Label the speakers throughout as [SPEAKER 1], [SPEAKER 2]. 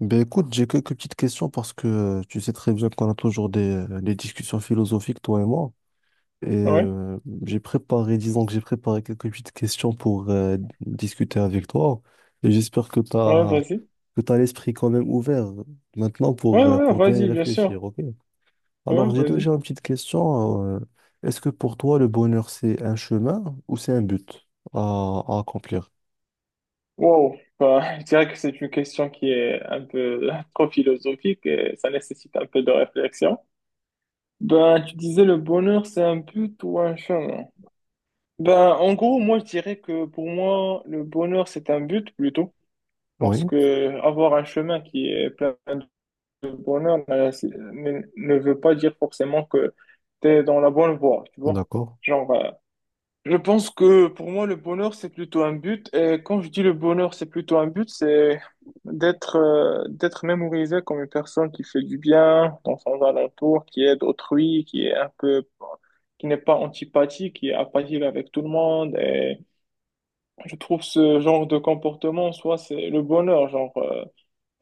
[SPEAKER 1] Ben écoute, j'ai quelques petites questions parce que tu sais très bien qu'on a toujours des discussions philosophiques, toi et moi. Et
[SPEAKER 2] Ouais,
[SPEAKER 1] j'ai préparé, disons que j'ai préparé quelques petites questions pour discuter avec toi. Et j'espère que tu
[SPEAKER 2] ouais,
[SPEAKER 1] as,
[SPEAKER 2] vas-y.
[SPEAKER 1] que tu l'esprit quand même ouvert maintenant
[SPEAKER 2] Ouais, ouais,
[SPEAKER 1] pour bien y
[SPEAKER 2] vas-y, bien sûr.
[SPEAKER 1] réfléchir, ok?
[SPEAKER 2] Ouais,
[SPEAKER 1] Alors j'ai
[SPEAKER 2] vas-y.
[SPEAKER 1] déjà une petite question. Est-ce que pour toi, le bonheur, c'est un chemin ou c'est un but à accomplir?
[SPEAKER 2] Wow. Bah, je dirais que c'est une question qui est un peu trop philosophique et ça nécessite un peu de réflexion. Ben, tu disais le bonheur, c'est un but ou un chemin? Ben, en gros, moi, je dirais que pour moi, le bonheur, c'est un but plutôt. Parce
[SPEAKER 1] Oui,
[SPEAKER 2] que avoir un chemin qui est plein de bonheur ben, ne veut pas dire forcément que tu es dans la bonne voie, tu vois.
[SPEAKER 1] d'accord,
[SPEAKER 2] Genre, je pense que pour moi, le bonheur, c'est plutôt un but. Et quand je dis le bonheur, c'est plutôt un but, c'est d'être d'être mémorisé comme une personne qui fait du bien dans son alentour, qui aide autrui, qui est un peu, qui n'est pas antipathique, qui est apathique avec tout le monde. Et je trouve ce genre de comportement, soit c'est le bonheur, genre.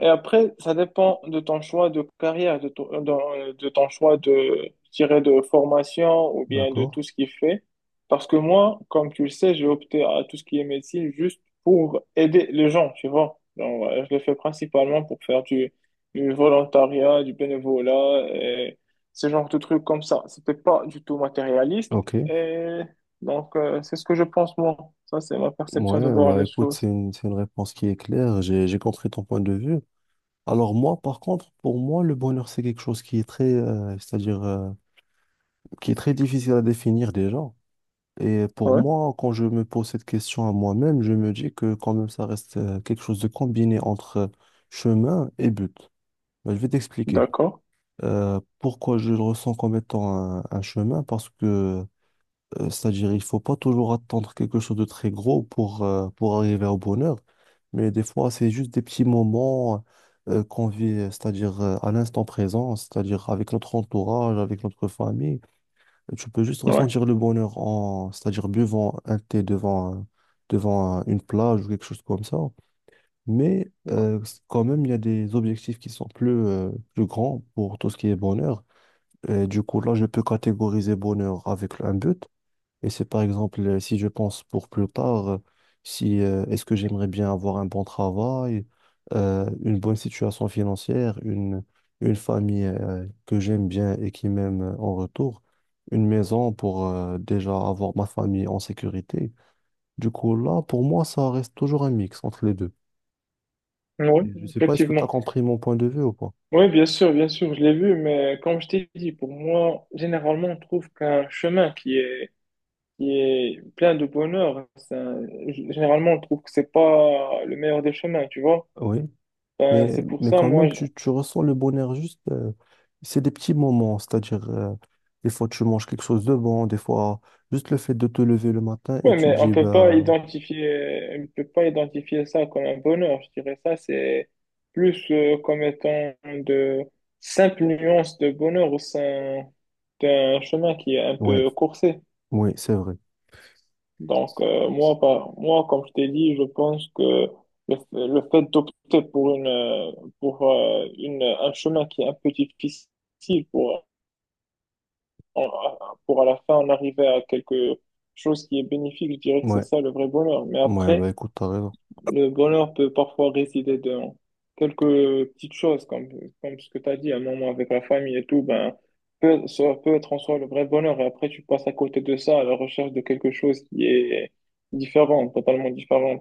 [SPEAKER 2] Et après, ça dépend de ton choix de carrière, de ton, de ton choix de, je dirais, de formation ou bien de tout
[SPEAKER 1] d'accord,
[SPEAKER 2] ce qu'il fait. Parce que moi, comme tu le sais, j'ai opté à tout ce qui est médecine juste pour aider les gens, tu vois. Donc, je le fais principalement pour faire du volontariat, du bénévolat et ce genre de trucs comme ça. C'était pas du tout matérialiste.
[SPEAKER 1] ok.
[SPEAKER 2] Et donc, c'est ce que je pense, moi. Ça, c'est ma
[SPEAKER 1] Ouais,
[SPEAKER 2] perception de voir
[SPEAKER 1] bah
[SPEAKER 2] les
[SPEAKER 1] écoute, c'est
[SPEAKER 2] choses.
[SPEAKER 1] une, c'est une réponse qui est claire. J'ai compris ton point de vue. Alors moi, par contre, pour moi, le bonheur, c'est quelque chose qui est très, c'est-à-dire, qui est très difficile à définir déjà. Et pour
[SPEAKER 2] Ouais,
[SPEAKER 1] moi, quand je me pose cette question à moi-même, je me dis que quand même, ça reste quelque chose de combiné entre chemin et but. Bah, je vais t'expliquer
[SPEAKER 2] d'accord.
[SPEAKER 1] pourquoi je le ressens comme étant un chemin, parce que C'est-à-dire, il faut pas toujours attendre quelque chose de très gros pour arriver au bonheur, mais des fois, c'est juste des petits moments qu'on vit, c'est-à-dire à l'instant présent, c'est-à-dire avec notre entourage, avec notre famille. Tu peux juste
[SPEAKER 2] Ouais.
[SPEAKER 1] ressentir le bonheur en, c'est-à-dire buvant un thé devant, une plage ou quelque chose comme ça. Mais quand même, il y a des objectifs qui sont plus, plus grands pour tout ce qui est bonheur. Et du coup, là, je peux catégoriser bonheur avec un but. Et c'est par exemple, si je pense pour plus tard, si est-ce que j'aimerais bien avoir un bon travail, une bonne situation financière, une famille que j'aime bien et qui m'aime en retour, une maison pour déjà avoir ma famille en sécurité. Du coup, là, pour moi, ça reste toujours un mix entre les deux.
[SPEAKER 2] Oui,
[SPEAKER 1] Et je sais pas, est-ce que tu as
[SPEAKER 2] effectivement.
[SPEAKER 1] compris mon point de vue ou pas?
[SPEAKER 2] Oui, bien sûr, je l'ai vu, mais comme je t'ai dit, pour moi, généralement, on trouve qu'un chemin qui est plein de bonheur, généralement, on trouve que c'est pas le meilleur des chemins, tu vois.
[SPEAKER 1] Oui.
[SPEAKER 2] Ben, c'est pour
[SPEAKER 1] Mais
[SPEAKER 2] ça,
[SPEAKER 1] quand
[SPEAKER 2] moi,
[SPEAKER 1] même,
[SPEAKER 2] je...
[SPEAKER 1] tu ressens le bonheur juste. C'est des petits moments, c'est-à-dire, des fois, tu manges quelque chose de bon, des fois, juste le fait de te lever le matin et
[SPEAKER 2] Ouais,
[SPEAKER 1] tu
[SPEAKER 2] mais on
[SPEAKER 1] dis,
[SPEAKER 2] peut pas
[SPEAKER 1] bah,
[SPEAKER 2] identifier, on peut pas identifier ça comme un bonheur. Je dirais ça, c'est plus comme étant de simples nuances de bonheur au sein d'un chemin qui est un
[SPEAKER 1] ouais,
[SPEAKER 2] peu coursé.
[SPEAKER 1] oui, c'est vrai.
[SPEAKER 2] Donc, moi, comme je t'ai dit, je pense que le, f- le fait d'opter pour un chemin qui est un peu difficile pour, en- pour à la fin en arriver à quelque chose qui est bénéfique, je dirais que c'est
[SPEAKER 1] Ouais,
[SPEAKER 2] ça le vrai bonheur. Mais
[SPEAKER 1] ouais, bah,
[SPEAKER 2] après,
[SPEAKER 1] écoute, t'as raison.
[SPEAKER 2] le bonheur peut parfois résider dans quelques petites choses, comme, comme ce que tu as dit, un moment avec la famille et tout, ben, peut, ça peut être en soi le vrai bonheur. Et après, tu passes à côté de ça, à la recherche de quelque chose qui est différent, totalement différent.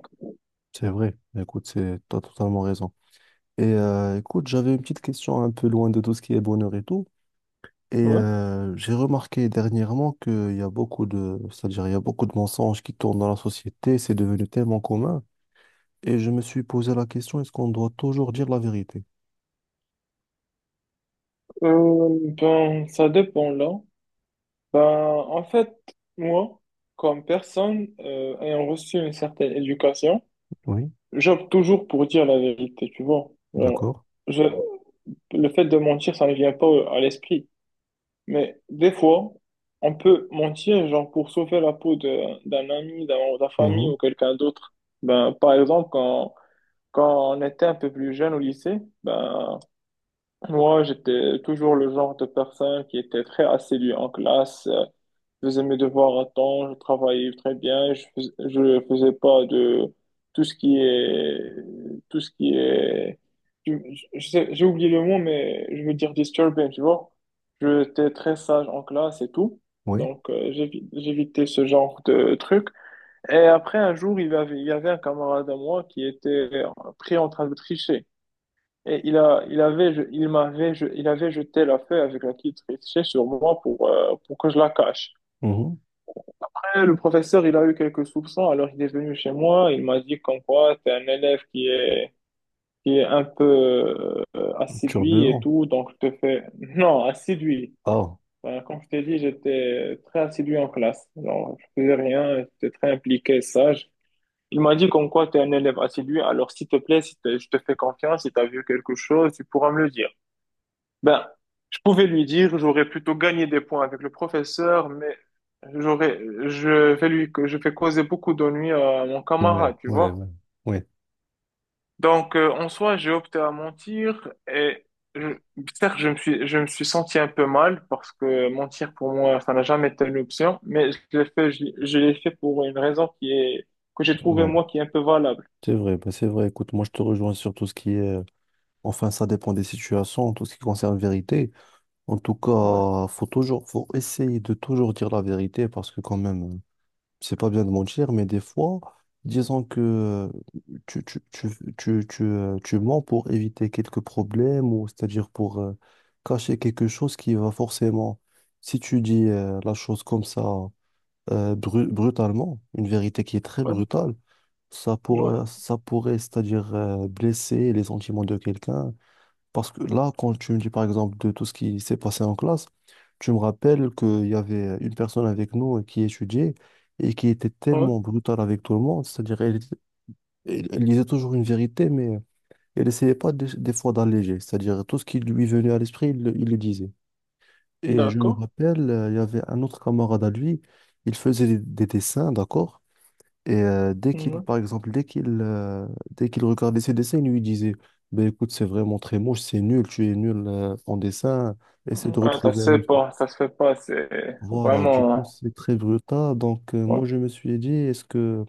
[SPEAKER 1] C'est vrai. Bah, écoute, c'est, t'as totalement raison. Et écoute, j'avais une petite question un peu loin de tout ce qui est bonheur et tout. Et
[SPEAKER 2] Ouais.
[SPEAKER 1] j'ai remarqué dernièrement qu'il y a beaucoup de, c'est-à-dire, il y a beaucoup de mensonges qui tournent dans la société. C'est devenu tellement commun. Et je me suis posé la question, est-ce qu'on doit toujours dire la vérité?
[SPEAKER 2] Ben, ça dépend là. Ben, en fait, moi, comme personne ayant reçu une certaine éducation,
[SPEAKER 1] Oui,
[SPEAKER 2] j'opte toujours pour dire la vérité, tu vois. Genre,
[SPEAKER 1] d'accord.
[SPEAKER 2] je, le fait de mentir, ça ne me vient pas à l'esprit. Mais des fois, on peut mentir, genre, pour sauver la peau d'un ami, d'un membre de la famille
[SPEAKER 1] Mhm.
[SPEAKER 2] ou quelqu'un d'autre. Ben, par exemple, quand, quand on était un peu plus jeune au lycée, ben, moi, j'étais toujours le genre de personne qui était très assidue en classe. Je faisais mes devoirs à temps, je travaillais très bien, je faisais pas de tout ce qui est tout ce qui est je- je sais- j'ai oublié le mot mais je veux dire disturbing, tu vois. J'étais très sage en classe et tout.
[SPEAKER 1] Oui,
[SPEAKER 2] Donc j'évitais ce genre de truc. Et après un jour, il y avait un camarade à moi qui était pris en train de tricher. Et il a, il avait, je- il m'avait, je- il avait jeté la feuille avec laquelle il trichait sur moi pour que je la cache.
[SPEAKER 1] mhm.
[SPEAKER 2] Eh, le professeur, il a eu quelques soupçons, alors il est venu chez moi, il m'a dit comme quoi t'es un élève qui est un peu assidu et
[SPEAKER 1] Turbulent.
[SPEAKER 2] tout, donc je te fais... Non, assidu.
[SPEAKER 1] Ah.
[SPEAKER 2] Ben, comme je t'ai dit, j'étais très assidu en classe. Genre, je faisais rien, j'étais très impliqué, sage. Il m'a dit comme quoi t'es un élève assidu, alors s'il te plaît, si t'es- je te fais confiance, si t'as vu quelque chose, tu pourras me le dire. Ben, je pouvais lui dire, j'aurais plutôt gagné des points avec le professeur, mais j'aurais, je je fais causer beaucoup d'ennuis à mon
[SPEAKER 1] Ouais,
[SPEAKER 2] camarade, tu
[SPEAKER 1] ouais,
[SPEAKER 2] vois.
[SPEAKER 1] ouais. Ouais.
[SPEAKER 2] Donc, en soi, j'ai opté à mentir et je, certes, je me suis senti un peu mal parce que mentir pour moi, ça n'a jamais été une option, mais je l'ai fait, je l'ai fait pour une raison qui est, que j'ai trouvé
[SPEAKER 1] Ouais.
[SPEAKER 2] moi qui est un peu valable.
[SPEAKER 1] C'est vrai, bah, c'est vrai. Écoute, moi, je te rejoins sur tout ce qui est... Enfin, ça dépend des situations, tout ce qui concerne vérité. En tout
[SPEAKER 2] Ouais,
[SPEAKER 1] cas, faut toujours, faut essayer de toujours dire la vérité parce que quand même, c'est pas bien de mentir, mais des fois, disons que tu, tu, tu, tu, tu, tu mens pour éviter quelques problèmes, ou c'est-à-dire pour cacher quelque chose qui va forcément, si tu dis la chose comme ça, brutalement, une vérité qui est très
[SPEAKER 2] ouais,
[SPEAKER 1] brutale, ça
[SPEAKER 2] ouais,
[SPEAKER 1] pourrait, ça pourrait, c'est-à-dire blesser les sentiments de quelqu'un, parce que là, quand tu me dis par exemple de tout ce qui s'est passé en classe, tu me rappelles qu'il y avait une personne avec nous qui étudiait et qui était
[SPEAKER 2] ouais,
[SPEAKER 1] tellement brutale avec tout le monde. C'est-à-dire, elle, elle disait toujours une vérité, mais elle essayait pas des, des fois d'alléger. C'est-à-dire, tout ce qui lui venait à l'esprit, il le disait. Et je me
[SPEAKER 2] d'accord.
[SPEAKER 1] rappelle, il y avait un autre camarade à lui, il faisait des dessins, d'accord? Et dès qu'il,
[SPEAKER 2] Ouais.
[SPEAKER 1] par exemple, dès qu'il regardait ses dessins, il lui disait, ben écoute, c'est vraiment très moche, c'est nul, tu es nul en dessin, essaie de
[SPEAKER 2] Ouais, ça
[SPEAKER 1] retrouver
[SPEAKER 2] se
[SPEAKER 1] un
[SPEAKER 2] fait
[SPEAKER 1] autre.
[SPEAKER 2] pas, ça se fait pas, c'est
[SPEAKER 1] Voilà, du coup,
[SPEAKER 2] vraiment.
[SPEAKER 1] c'est très brutal. Donc,
[SPEAKER 2] Ouais,
[SPEAKER 1] moi, je me suis dit,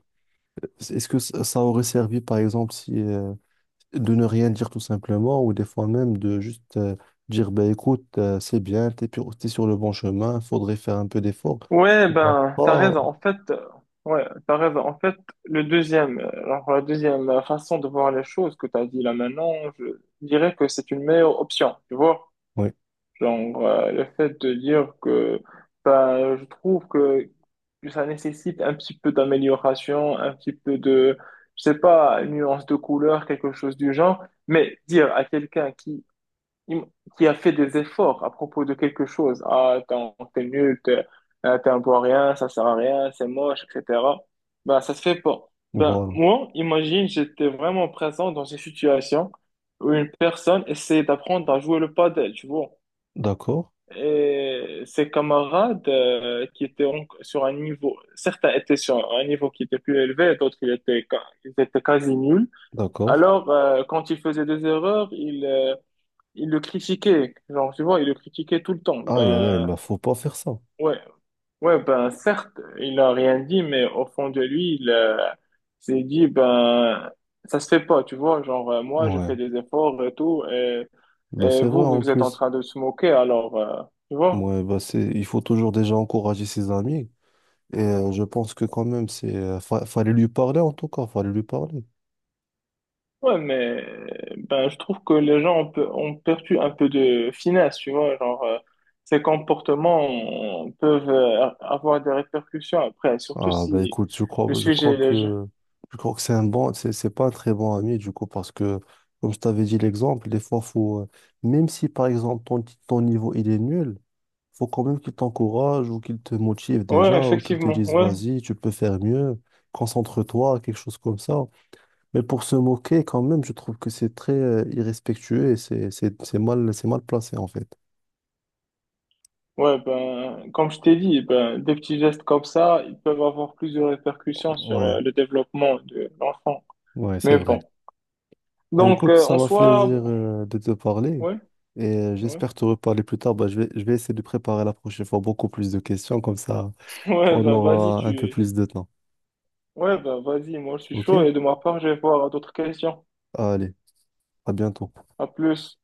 [SPEAKER 1] est-ce que ça aurait servi, par exemple, si, de ne rien dire tout simplement, ou des fois même de juste dire, ben écoute, c'est bien, t'es sur le bon chemin, faudrait faire un peu d'effort.
[SPEAKER 2] ouais,
[SPEAKER 1] Tu vas
[SPEAKER 2] ben, t'as
[SPEAKER 1] pas.
[SPEAKER 2] raison. En fait, ouais, t'as raison. En fait, la deuxième façon de voir les choses que t'as dit là maintenant, je dirais que c'est une meilleure option, tu vois?
[SPEAKER 1] Oui,
[SPEAKER 2] Genre, le fait de dire que, ben, je trouve que ça nécessite un petit peu d'amélioration, un petit peu de, je sais pas, une nuance de couleur, quelque chose du genre. Mais dire à quelqu'un im- qui a fait des efforts à propos de quelque chose. Ah, t'es nul, t'es t'es un bon à rien, ça sert à rien, c'est moche, etc. Ben, ça se fait pas. Ben,
[SPEAKER 1] voilà.
[SPEAKER 2] moi, imagine, j'étais vraiment présent dans une situation où une personne essayait d'apprendre à jouer le padel, tu vois.
[SPEAKER 1] D'accord,
[SPEAKER 2] Et ses camarades qui étaient sur un niveau, certains étaient sur un niveau qui était plus élevé, d'autres ils étaient, ils étaient quasi nuls.
[SPEAKER 1] d'accord.
[SPEAKER 2] Alors, quand ils faisaient des erreurs, ils il le critiquait, genre, tu vois, il le critiquait tout le temps.
[SPEAKER 1] Aïe, aïe, aïe,
[SPEAKER 2] Ben,
[SPEAKER 1] bah, faut pas faire ça.
[SPEAKER 2] ouais, ouais, ben, certes, il a rien dit, mais au fond de lui, il s'est dit, ben, ça se fait pas, tu vois, genre, moi, je
[SPEAKER 1] Ouais,
[SPEAKER 2] fais des efforts et tout,
[SPEAKER 1] bah,
[SPEAKER 2] et
[SPEAKER 1] c'est vrai
[SPEAKER 2] vous,
[SPEAKER 1] en
[SPEAKER 2] vous êtes en
[SPEAKER 1] plus.
[SPEAKER 2] train de se moquer, alors, tu vois.
[SPEAKER 1] Ouais, bah, c'est, il faut toujours déjà encourager ses amis. Et je pense que quand même, c'est, fallait lui parler en tout cas, fallait lui parler.
[SPEAKER 2] Ouais, mais, ben, je trouve que les gens ont perdu un peu de finesse, tu vois, genre, ces comportements peuvent avoir des répercussions après, surtout
[SPEAKER 1] Ah, bah,
[SPEAKER 2] si
[SPEAKER 1] écoute,
[SPEAKER 2] le sujet est léger.
[SPEAKER 1] je crois que c'est un bon, c'est pas un très bon ami du coup, parce que, comme je t'avais dit l'exemple, des fois, faut, même si par exemple ton niveau il est nul, faut quand même qu'il t'encourage ou qu'il te motive
[SPEAKER 2] Ouais,
[SPEAKER 1] déjà, ou qu'il te
[SPEAKER 2] effectivement,
[SPEAKER 1] dise,
[SPEAKER 2] ouais.
[SPEAKER 1] vas-y, tu peux faire mieux, concentre-toi, quelque chose comme ça. Mais pour se moquer, quand même, je trouve que c'est très irrespectueux et c'est mal placé, en fait.
[SPEAKER 2] Ouais, ben, comme je t'ai dit, ben, des petits gestes comme ça, ils peuvent avoir plus de répercussions sur
[SPEAKER 1] Ouais.
[SPEAKER 2] le développement de l'enfant.
[SPEAKER 1] Ouais, c'est
[SPEAKER 2] Mais
[SPEAKER 1] vrai.
[SPEAKER 2] bon.
[SPEAKER 1] Ben
[SPEAKER 2] Donc,
[SPEAKER 1] écoute, ça
[SPEAKER 2] en
[SPEAKER 1] m'a fait
[SPEAKER 2] soi,
[SPEAKER 1] plaisir de te parler
[SPEAKER 2] ouais,
[SPEAKER 1] et
[SPEAKER 2] ouais,
[SPEAKER 1] j'espère te reparler plus tard. Ben, je vais essayer de préparer la prochaine fois beaucoup plus de questions, comme ça
[SPEAKER 2] ouais,
[SPEAKER 1] on
[SPEAKER 2] ben,
[SPEAKER 1] aura un peu plus de temps.
[SPEAKER 2] ouais, ben, vas-y, moi, je suis
[SPEAKER 1] Ok?
[SPEAKER 2] chaud et de ma part, je vais voir d'autres questions.
[SPEAKER 1] Allez, à bientôt.
[SPEAKER 2] À plus.